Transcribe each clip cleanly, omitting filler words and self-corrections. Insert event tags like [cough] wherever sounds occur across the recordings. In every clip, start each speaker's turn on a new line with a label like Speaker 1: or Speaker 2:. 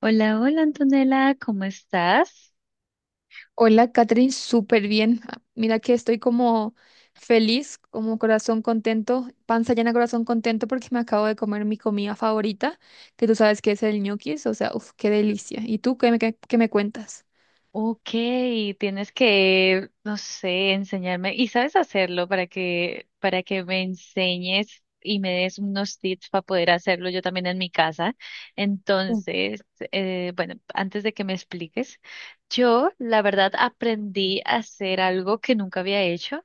Speaker 1: Hola, hola Antonella, ¿cómo estás?
Speaker 2: Hola, Catherine, súper bien. Ah, mira que estoy como feliz, como corazón contento, panza llena, corazón contento porque me acabo de comer mi comida favorita, que tú sabes que es el ñoquis, o sea, uff, qué delicia. ¿Y tú qué me cuentas?
Speaker 1: Ok, tienes que, no sé, enseñarme y sabes hacerlo para que me enseñes y me des unos tips para poder hacerlo yo también en mi casa.
Speaker 2: Mm,
Speaker 1: Entonces, bueno, antes de que me expliques, yo la verdad aprendí a hacer algo que nunca había hecho,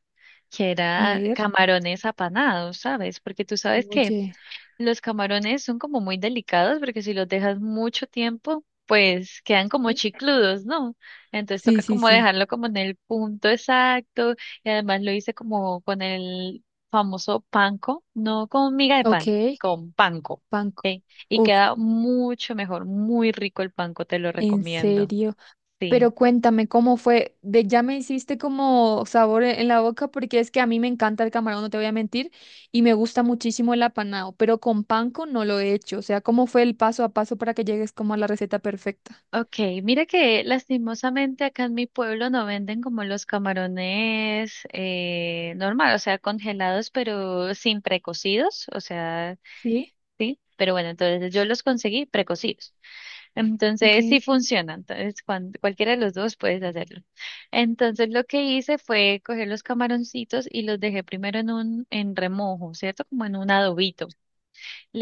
Speaker 1: que
Speaker 2: a
Speaker 1: era
Speaker 2: ver.
Speaker 1: camarones apanados, ¿sabes? Porque tú sabes que
Speaker 2: Oye,
Speaker 1: los camarones son como muy delicados porque si los dejas mucho tiempo, pues quedan como
Speaker 2: sí.
Speaker 1: chicludos, ¿no? Entonces
Speaker 2: Sí,
Speaker 1: toca
Speaker 2: sí,
Speaker 1: como
Speaker 2: sí.
Speaker 1: dejarlo como en el punto exacto y además lo hice como con el famoso panko, no con miga de
Speaker 2: Ok,
Speaker 1: pan, con panko,
Speaker 2: panco.
Speaker 1: ¿ok? Y
Speaker 2: Uf,
Speaker 1: queda mucho mejor, muy rico el panko, te lo
Speaker 2: en
Speaker 1: recomiendo.
Speaker 2: serio.
Speaker 1: Sí.
Speaker 2: Pero cuéntame cómo fue, de ya me hiciste como sabor en la boca porque es que a mí me encanta el camarón, no te voy a mentir, y me gusta muchísimo el apanado, pero con panko no lo he hecho, o sea, ¿cómo fue el paso a paso para que llegues como a la receta perfecta?
Speaker 1: Ok, mira que lastimosamente acá en mi pueblo no venden como los camarones normal, o sea, congelados pero sin precocidos, o sea,
Speaker 2: Sí,
Speaker 1: sí, pero bueno, entonces yo los conseguí precocidos. [laughs]
Speaker 2: ok,
Speaker 1: Entonces sí funciona, entonces cualquiera de los dos puedes hacerlo. Entonces lo que hice fue coger los camaroncitos y los dejé primero en remojo, ¿cierto? Como en un adobito.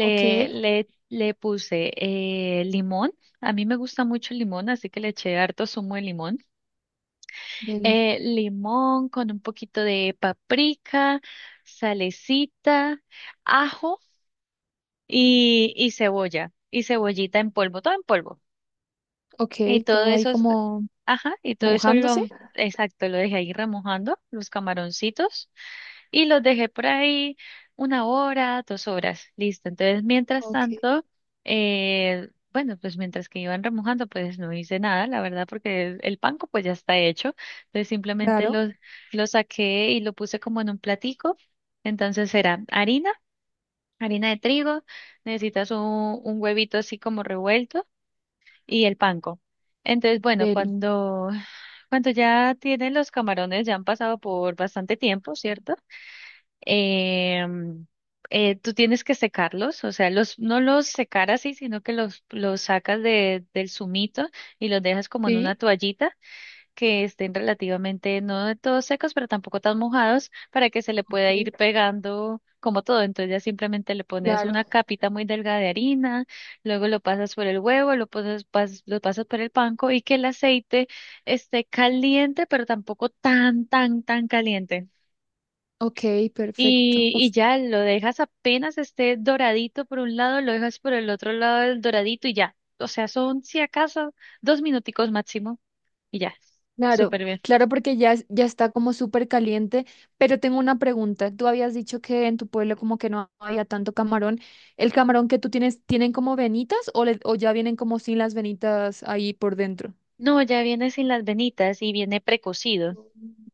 Speaker 2: ok,
Speaker 1: le, le puse limón. A mí me gusta mucho el limón, así que le eché harto zumo de limón.
Speaker 2: deli,
Speaker 1: Limón con un poquito de paprika, salecita, ajo y cebolla. Y cebollita en polvo, todo en polvo.
Speaker 2: ok,
Speaker 1: Y todo
Speaker 2: todo ahí
Speaker 1: eso,
Speaker 2: como
Speaker 1: ajá, y todo eso
Speaker 2: mojándose,
Speaker 1: lo, exacto, lo dejé ahí remojando, los camaroncitos. Y los dejé por ahí 1 hora, 2 horas, listo. Entonces, mientras
Speaker 2: ok,
Speaker 1: tanto, bueno, pues mientras que iban remojando, pues no hice nada, la verdad, porque el panko pues ya está hecho. Entonces, simplemente lo,
Speaker 2: claro,
Speaker 1: lo saqué y lo puse como en un platico. Entonces, era harina, harina de trigo, necesitas un huevito así como revuelto y el panko. Entonces, bueno,
Speaker 2: deli,
Speaker 1: cuando ya tienen los camarones, ya han pasado por bastante tiempo, ¿cierto? Em, Tú tienes que secarlos, o sea, los, no los secar así, sino que los sacas del zumito y los dejas como en una
Speaker 2: sí,
Speaker 1: toallita que estén relativamente, no de todos secos, pero tampoco tan mojados, para que se le pueda
Speaker 2: ok,
Speaker 1: ir pegando como todo. Entonces ya simplemente le pones
Speaker 2: claro,
Speaker 1: una capita muy delgada de harina, luego lo pasas por el huevo, lo pasas por el panco y que el aceite esté caliente, pero tampoco tan, tan, tan caliente.
Speaker 2: ok, perfecto.
Speaker 1: Y ya lo dejas apenas esté doradito por un lado, lo dejas por el otro lado del doradito y ya. O sea, son si acaso 2 minuticos máximo y ya.
Speaker 2: Claro,
Speaker 1: Súper bien.
Speaker 2: claro, porque ya, es- ya está como súper caliente, pero tengo una pregunta. Tú habías dicho que en tu pueblo como que no había tanto camarón. ¿El camarón que tú tienes, tienen como venitas o, le- o ya vienen como sin las venitas ahí por dentro?
Speaker 1: No, ya viene sin las venitas y viene precocido.
Speaker 2: Mm.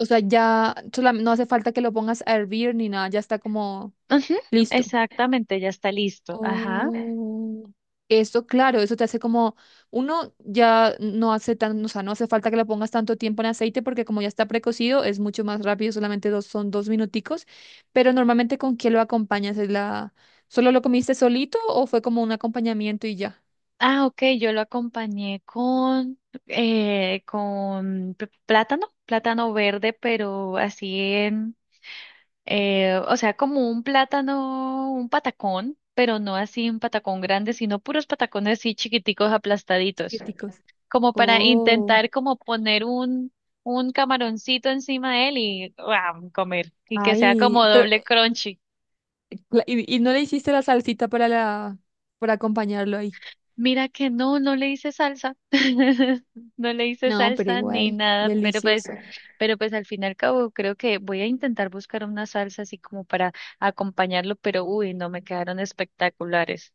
Speaker 2: O sea, ya solam- no hace falta que lo pongas a hervir ni nada, ya está como
Speaker 1: Ujú,
Speaker 2: listo.
Speaker 1: exactamente, ya está listo. Ajá.
Speaker 2: Oh, eso, claro, eso te hace como, uno ya no hace tan, o sea, no hace falta que le pongas tanto tiempo en aceite porque como ya está precocido es mucho más rápido, solamente dos, son dos minuticos, pero normalmente ¿con qué lo acompañas? ¿Es la, solo lo comiste solito o fue como un acompañamiento y ya?
Speaker 1: Ah, ok, yo lo acompañé con plátano, plátano verde, pero así o sea, como un plátano, un patacón, pero no así un patacón grande, sino puros patacones así chiquiticos aplastaditos,
Speaker 2: Chiquiticos.
Speaker 1: como para
Speaker 2: Oh,
Speaker 1: intentar como poner un, camaroncito encima de él y ¡guau! Comer, y que sea
Speaker 2: ay,
Speaker 1: como
Speaker 2: pero
Speaker 1: doble crunchy.
Speaker 2: la- y no le hiciste la salsita para la, para acompañarlo ahí.
Speaker 1: Mira que no, no le hice salsa, [laughs] no le hice
Speaker 2: No, pero
Speaker 1: salsa ni
Speaker 2: igual,
Speaker 1: nada, pero pues,
Speaker 2: delicioso.
Speaker 1: pero pues al fin y al cabo creo que voy a intentar buscar una salsa así como para acompañarlo, pero uy, no me quedaron espectaculares.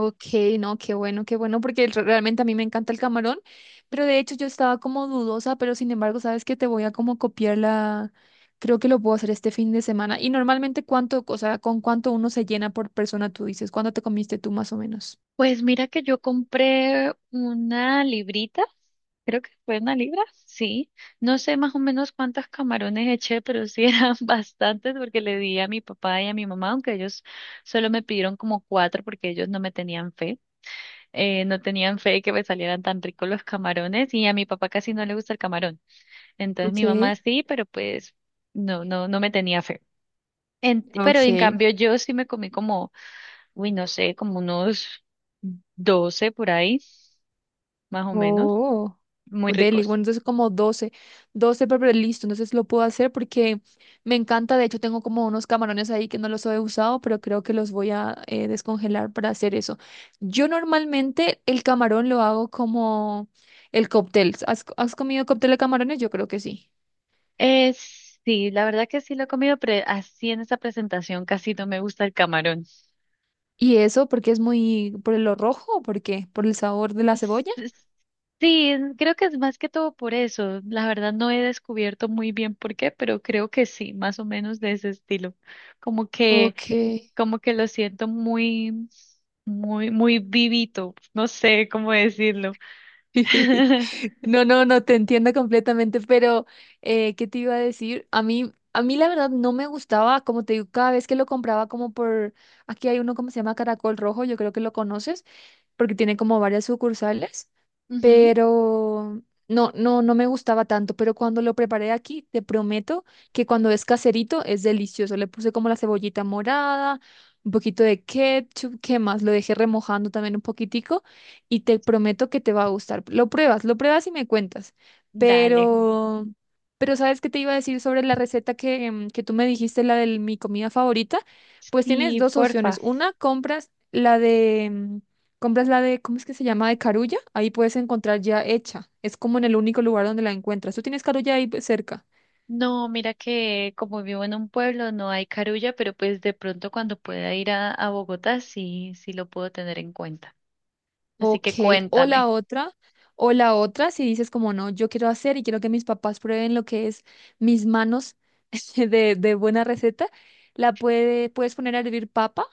Speaker 2: Ok, no, qué bueno, porque re- realmente a mí me encanta el camarón, pero de hecho yo estaba como dudosa, pero sin embargo, sabes que te voy a como copiar la, creo que lo puedo hacer este fin de semana. Y normalmente cuánto, o sea, con cuánto uno se llena por persona, tú dices, ¿cuánto te comiste tú más o menos?
Speaker 1: Pues mira que yo compré una librita, creo que fue 1 libra, sí. No sé más o menos cuántos camarones eché, pero sí eran [laughs] bastantes porque le di a mi papá y a mi mamá, aunque ellos solo me pidieron como cuatro porque ellos no me tenían fe. No tenían fe que me salieran tan ricos los camarones y a mi papá casi no le gusta el camarón. Entonces
Speaker 2: Ok,
Speaker 1: mi mamá sí, pero pues no, no, no me tenía fe. Pero en
Speaker 2: ok,
Speaker 1: cambio yo sí me comí como, uy, no sé, como unos 12 por ahí, más o menos,
Speaker 2: oh,
Speaker 1: muy
Speaker 2: oh, deli,
Speaker 1: ricos.
Speaker 2: bueno, entonces como 12 12 pero listo, entonces lo puedo hacer porque me encanta, de hecho tengo como unos camarones ahí que no los he usado, pero creo que los voy a descongelar para hacer eso. Yo normalmente el camarón lo hago como el cóctel. ¿Has, has comido cóctel de camarones? Yo creo que sí.
Speaker 1: Sí, la verdad que sí lo he comido, pero así en esa presentación casi no me gusta el camarón.
Speaker 2: ¿Y eso porque es muy por lo rojo o por qué? ¿Por el sabor de la
Speaker 1: S-
Speaker 2: cebolla?
Speaker 1: s- Sí, creo que es más que todo por eso. La verdad no he descubierto muy bien por qué, pero creo que sí, más o menos de ese estilo. Como que,
Speaker 2: Ok.
Speaker 1: como que lo siento muy, muy, muy vivito. No sé cómo decirlo.
Speaker 2: [laughs]
Speaker 1: [laughs]
Speaker 2: No, no, no, te entiendo completamente, pero ¿qué te iba a decir? A mí la verdad no me gustaba, como te digo, cada vez que lo compraba como por, aquí hay uno como se llama Caracol Rojo, yo creo que lo conoces, porque tiene como varias sucursales,
Speaker 1: Ujú,
Speaker 2: pero no, no, no me gustaba tanto, pero cuando lo preparé aquí, te prometo que cuando es caserito es delicioso. Le puse como la cebollita morada, un poquito de ketchup, ¿qué más? Lo dejé remojando también un poquitico y te prometo que te va a gustar. Lo pruebas y me cuentas.
Speaker 1: dale.
Speaker 2: Pero, pero ¿sabes qué te iba a decir sobre la receta que, que tú me dijiste, la de mi comida favorita? Pues tienes
Speaker 1: Sí,
Speaker 2: dos
Speaker 1: porfa.
Speaker 2: opciones. Una, compras la de, mm, compras la de, ¿cómo es que se llama? De Carulla. Ahí puedes encontrar ya hecha. Es como en el único lugar donde la encuentras. Tú tienes Carulla ahí pues, cerca.
Speaker 1: No, mira que como vivo en un pueblo no hay Carulla, pero pues de pronto cuando pueda ir a Bogotá sí, sí lo puedo tener en cuenta. Así
Speaker 2: Ok,
Speaker 1: que
Speaker 2: o la
Speaker 1: cuéntame.
Speaker 2: otra, o la otra, si dices como no, yo quiero hacer y quiero que mis papás prueben lo que es mis manos [laughs] de buena receta, la puede, puedes poner a hervir papa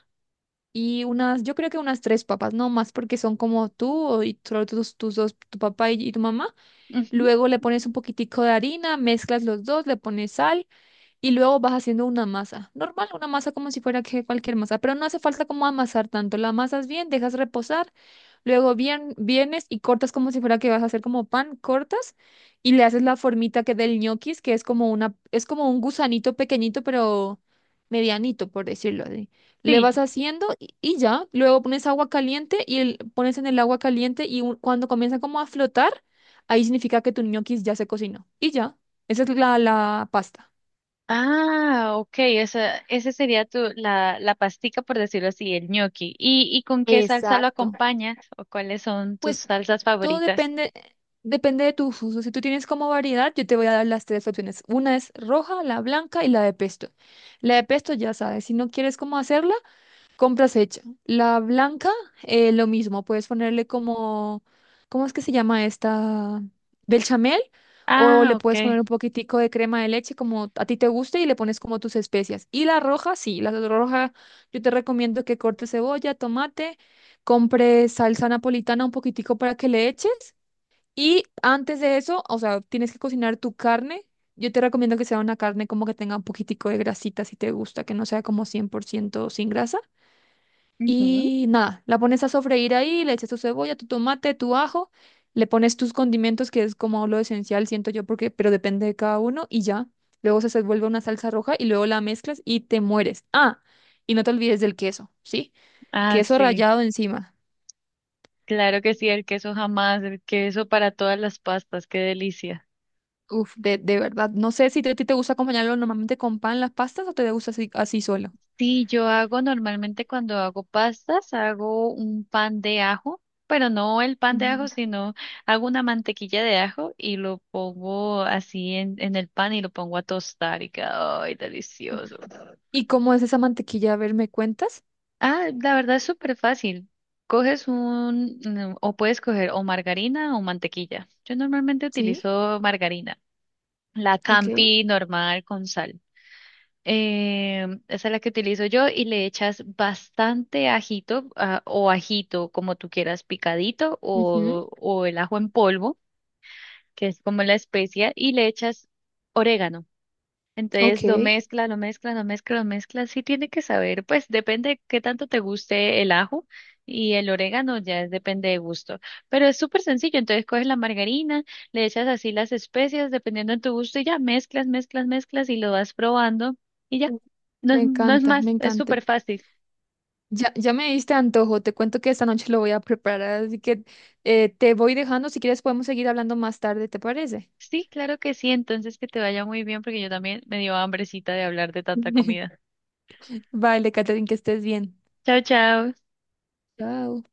Speaker 2: y unas, yo creo que unas tres papas, no más porque son como tú o- y solo tus dos, tu papá y tu mamá.
Speaker 1: Ujú.
Speaker 2: Luego le pones un poquitico de harina, mezclas los dos, le pones sal. Y luego vas haciendo una masa, normal, una masa como si fuera que cualquier masa, pero no hace falta como amasar tanto. La amasas bien, dejas reposar, luego bien, vienes y cortas como si fuera que vas a hacer como pan, cortas y le haces la formita que del ñoquis, que es como una, es como un gusanito pequeñito, pero medianito, por decirlo así. Le
Speaker 1: Sí.
Speaker 2: vas haciendo y ya, luego pones agua caliente y el- pones en el agua caliente y un- cuando comienza como a flotar, ahí significa que tu ñoquis ya se cocinó y ya. Esa es la, la pasta.
Speaker 1: Ah, ok, ese sería la pastica, por decirlo así, el ñoqui. ¿Y con qué salsa lo
Speaker 2: Exacto.
Speaker 1: acompañas? ¿O cuáles son tus
Speaker 2: Pues
Speaker 1: salsas
Speaker 2: todo
Speaker 1: favoritas?
Speaker 2: depende, depende de tus usos. Si tú tienes como variedad, yo te voy a dar las tres opciones. Una es roja, la blanca y la de pesto. La de pesto ya sabes, si no quieres cómo hacerla, compras hecha. La blanca, lo mismo, puedes ponerle como, ¿cómo es que se llama esta? Bechamel, o
Speaker 1: Ah,
Speaker 2: le puedes
Speaker 1: ok.
Speaker 2: poner un poquitico de crema de leche como a ti te guste y le pones como tus especias. Y la roja, sí, la roja, yo te recomiendo que cortes cebolla, tomate, compres salsa napolitana un poquitico para que le eches. Y antes de eso, o sea, tienes que cocinar tu carne. Yo te recomiendo que sea una carne como que tenga un poquitico de grasita si te gusta, que no sea como 100% sin grasa.
Speaker 1: Ujú.
Speaker 2: Y nada, la pones a sofreír ahí, le echas tu cebolla, tu tomate, tu ajo, le pones tus condimentos, que es como lo esencial, siento yo, porque, pero depende de cada uno, y ya. Luego se vuelve una salsa roja y luego la mezclas y te mueres. Ah, y no te olvides del queso, ¿sí?
Speaker 1: Ah,
Speaker 2: Queso
Speaker 1: sí.
Speaker 2: rallado encima.
Speaker 1: Claro que sí, el queso jamás, el queso para todas las pastas, qué delicia.
Speaker 2: Uf, de verdad. No sé si te- a ti te gusta acompañarlo normalmente con pan, las pastas, o te gusta así, así solo.
Speaker 1: Sí, yo hago normalmente cuando hago pastas, hago un pan de ajo, pero no el pan de ajo,
Speaker 2: Pendejo.
Speaker 1: sino hago una mantequilla de ajo y lo pongo así en el pan y lo pongo a tostar y queda, ay,
Speaker 2: Uf.
Speaker 1: delicioso.
Speaker 2: ¿Y cómo es esa mantequilla? A ver, ¿me cuentas?
Speaker 1: Ah, la verdad es súper fácil. Coges un, o puedes coger o margarina o mantequilla. Yo normalmente
Speaker 2: Sí,
Speaker 1: utilizo margarina, la
Speaker 2: ok.
Speaker 1: Campi normal con sal. Eh, esa es la que utilizo yo y le echas bastante ajito o ajito, como tú quieras, picadito
Speaker 2: Ujú,
Speaker 1: o el ajo en polvo, que es como la especia, y le echas orégano. Entonces
Speaker 2: ok.
Speaker 1: lo mezcla, lo mezcla, lo mezcla, lo mezcla. Sí tiene que saber, pues depende qué tanto te guste el ajo y el orégano, ya depende de gusto. Pero es súper sencillo, entonces coges la margarina, le echas así las especias, dependiendo de tu gusto, y ya mezclas, mezclas, mezclas y lo vas probando y ya.
Speaker 2: Uf,
Speaker 1: No
Speaker 2: me
Speaker 1: es, no es
Speaker 2: encanta, me
Speaker 1: más, es
Speaker 2: encanta.
Speaker 1: súper fácil.
Speaker 2: Ya, ya me diste antojo, te cuento que esta noche lo voy a preparar, así que te voy dejando, si quieres podemos seguir hablando más tarde, ¿te parece?
Speaker 1: Sí, claro que sí, entonces que te vaya muy bien porque yo también me dio hambrecita de hablar de tanta
Speaker 2: [laughs]
Speaker 1: comida.
Speaker 2: Vale, Catherine, que estés bien.
Speaker 1: Chao, chao.
Speaker 2: Chao.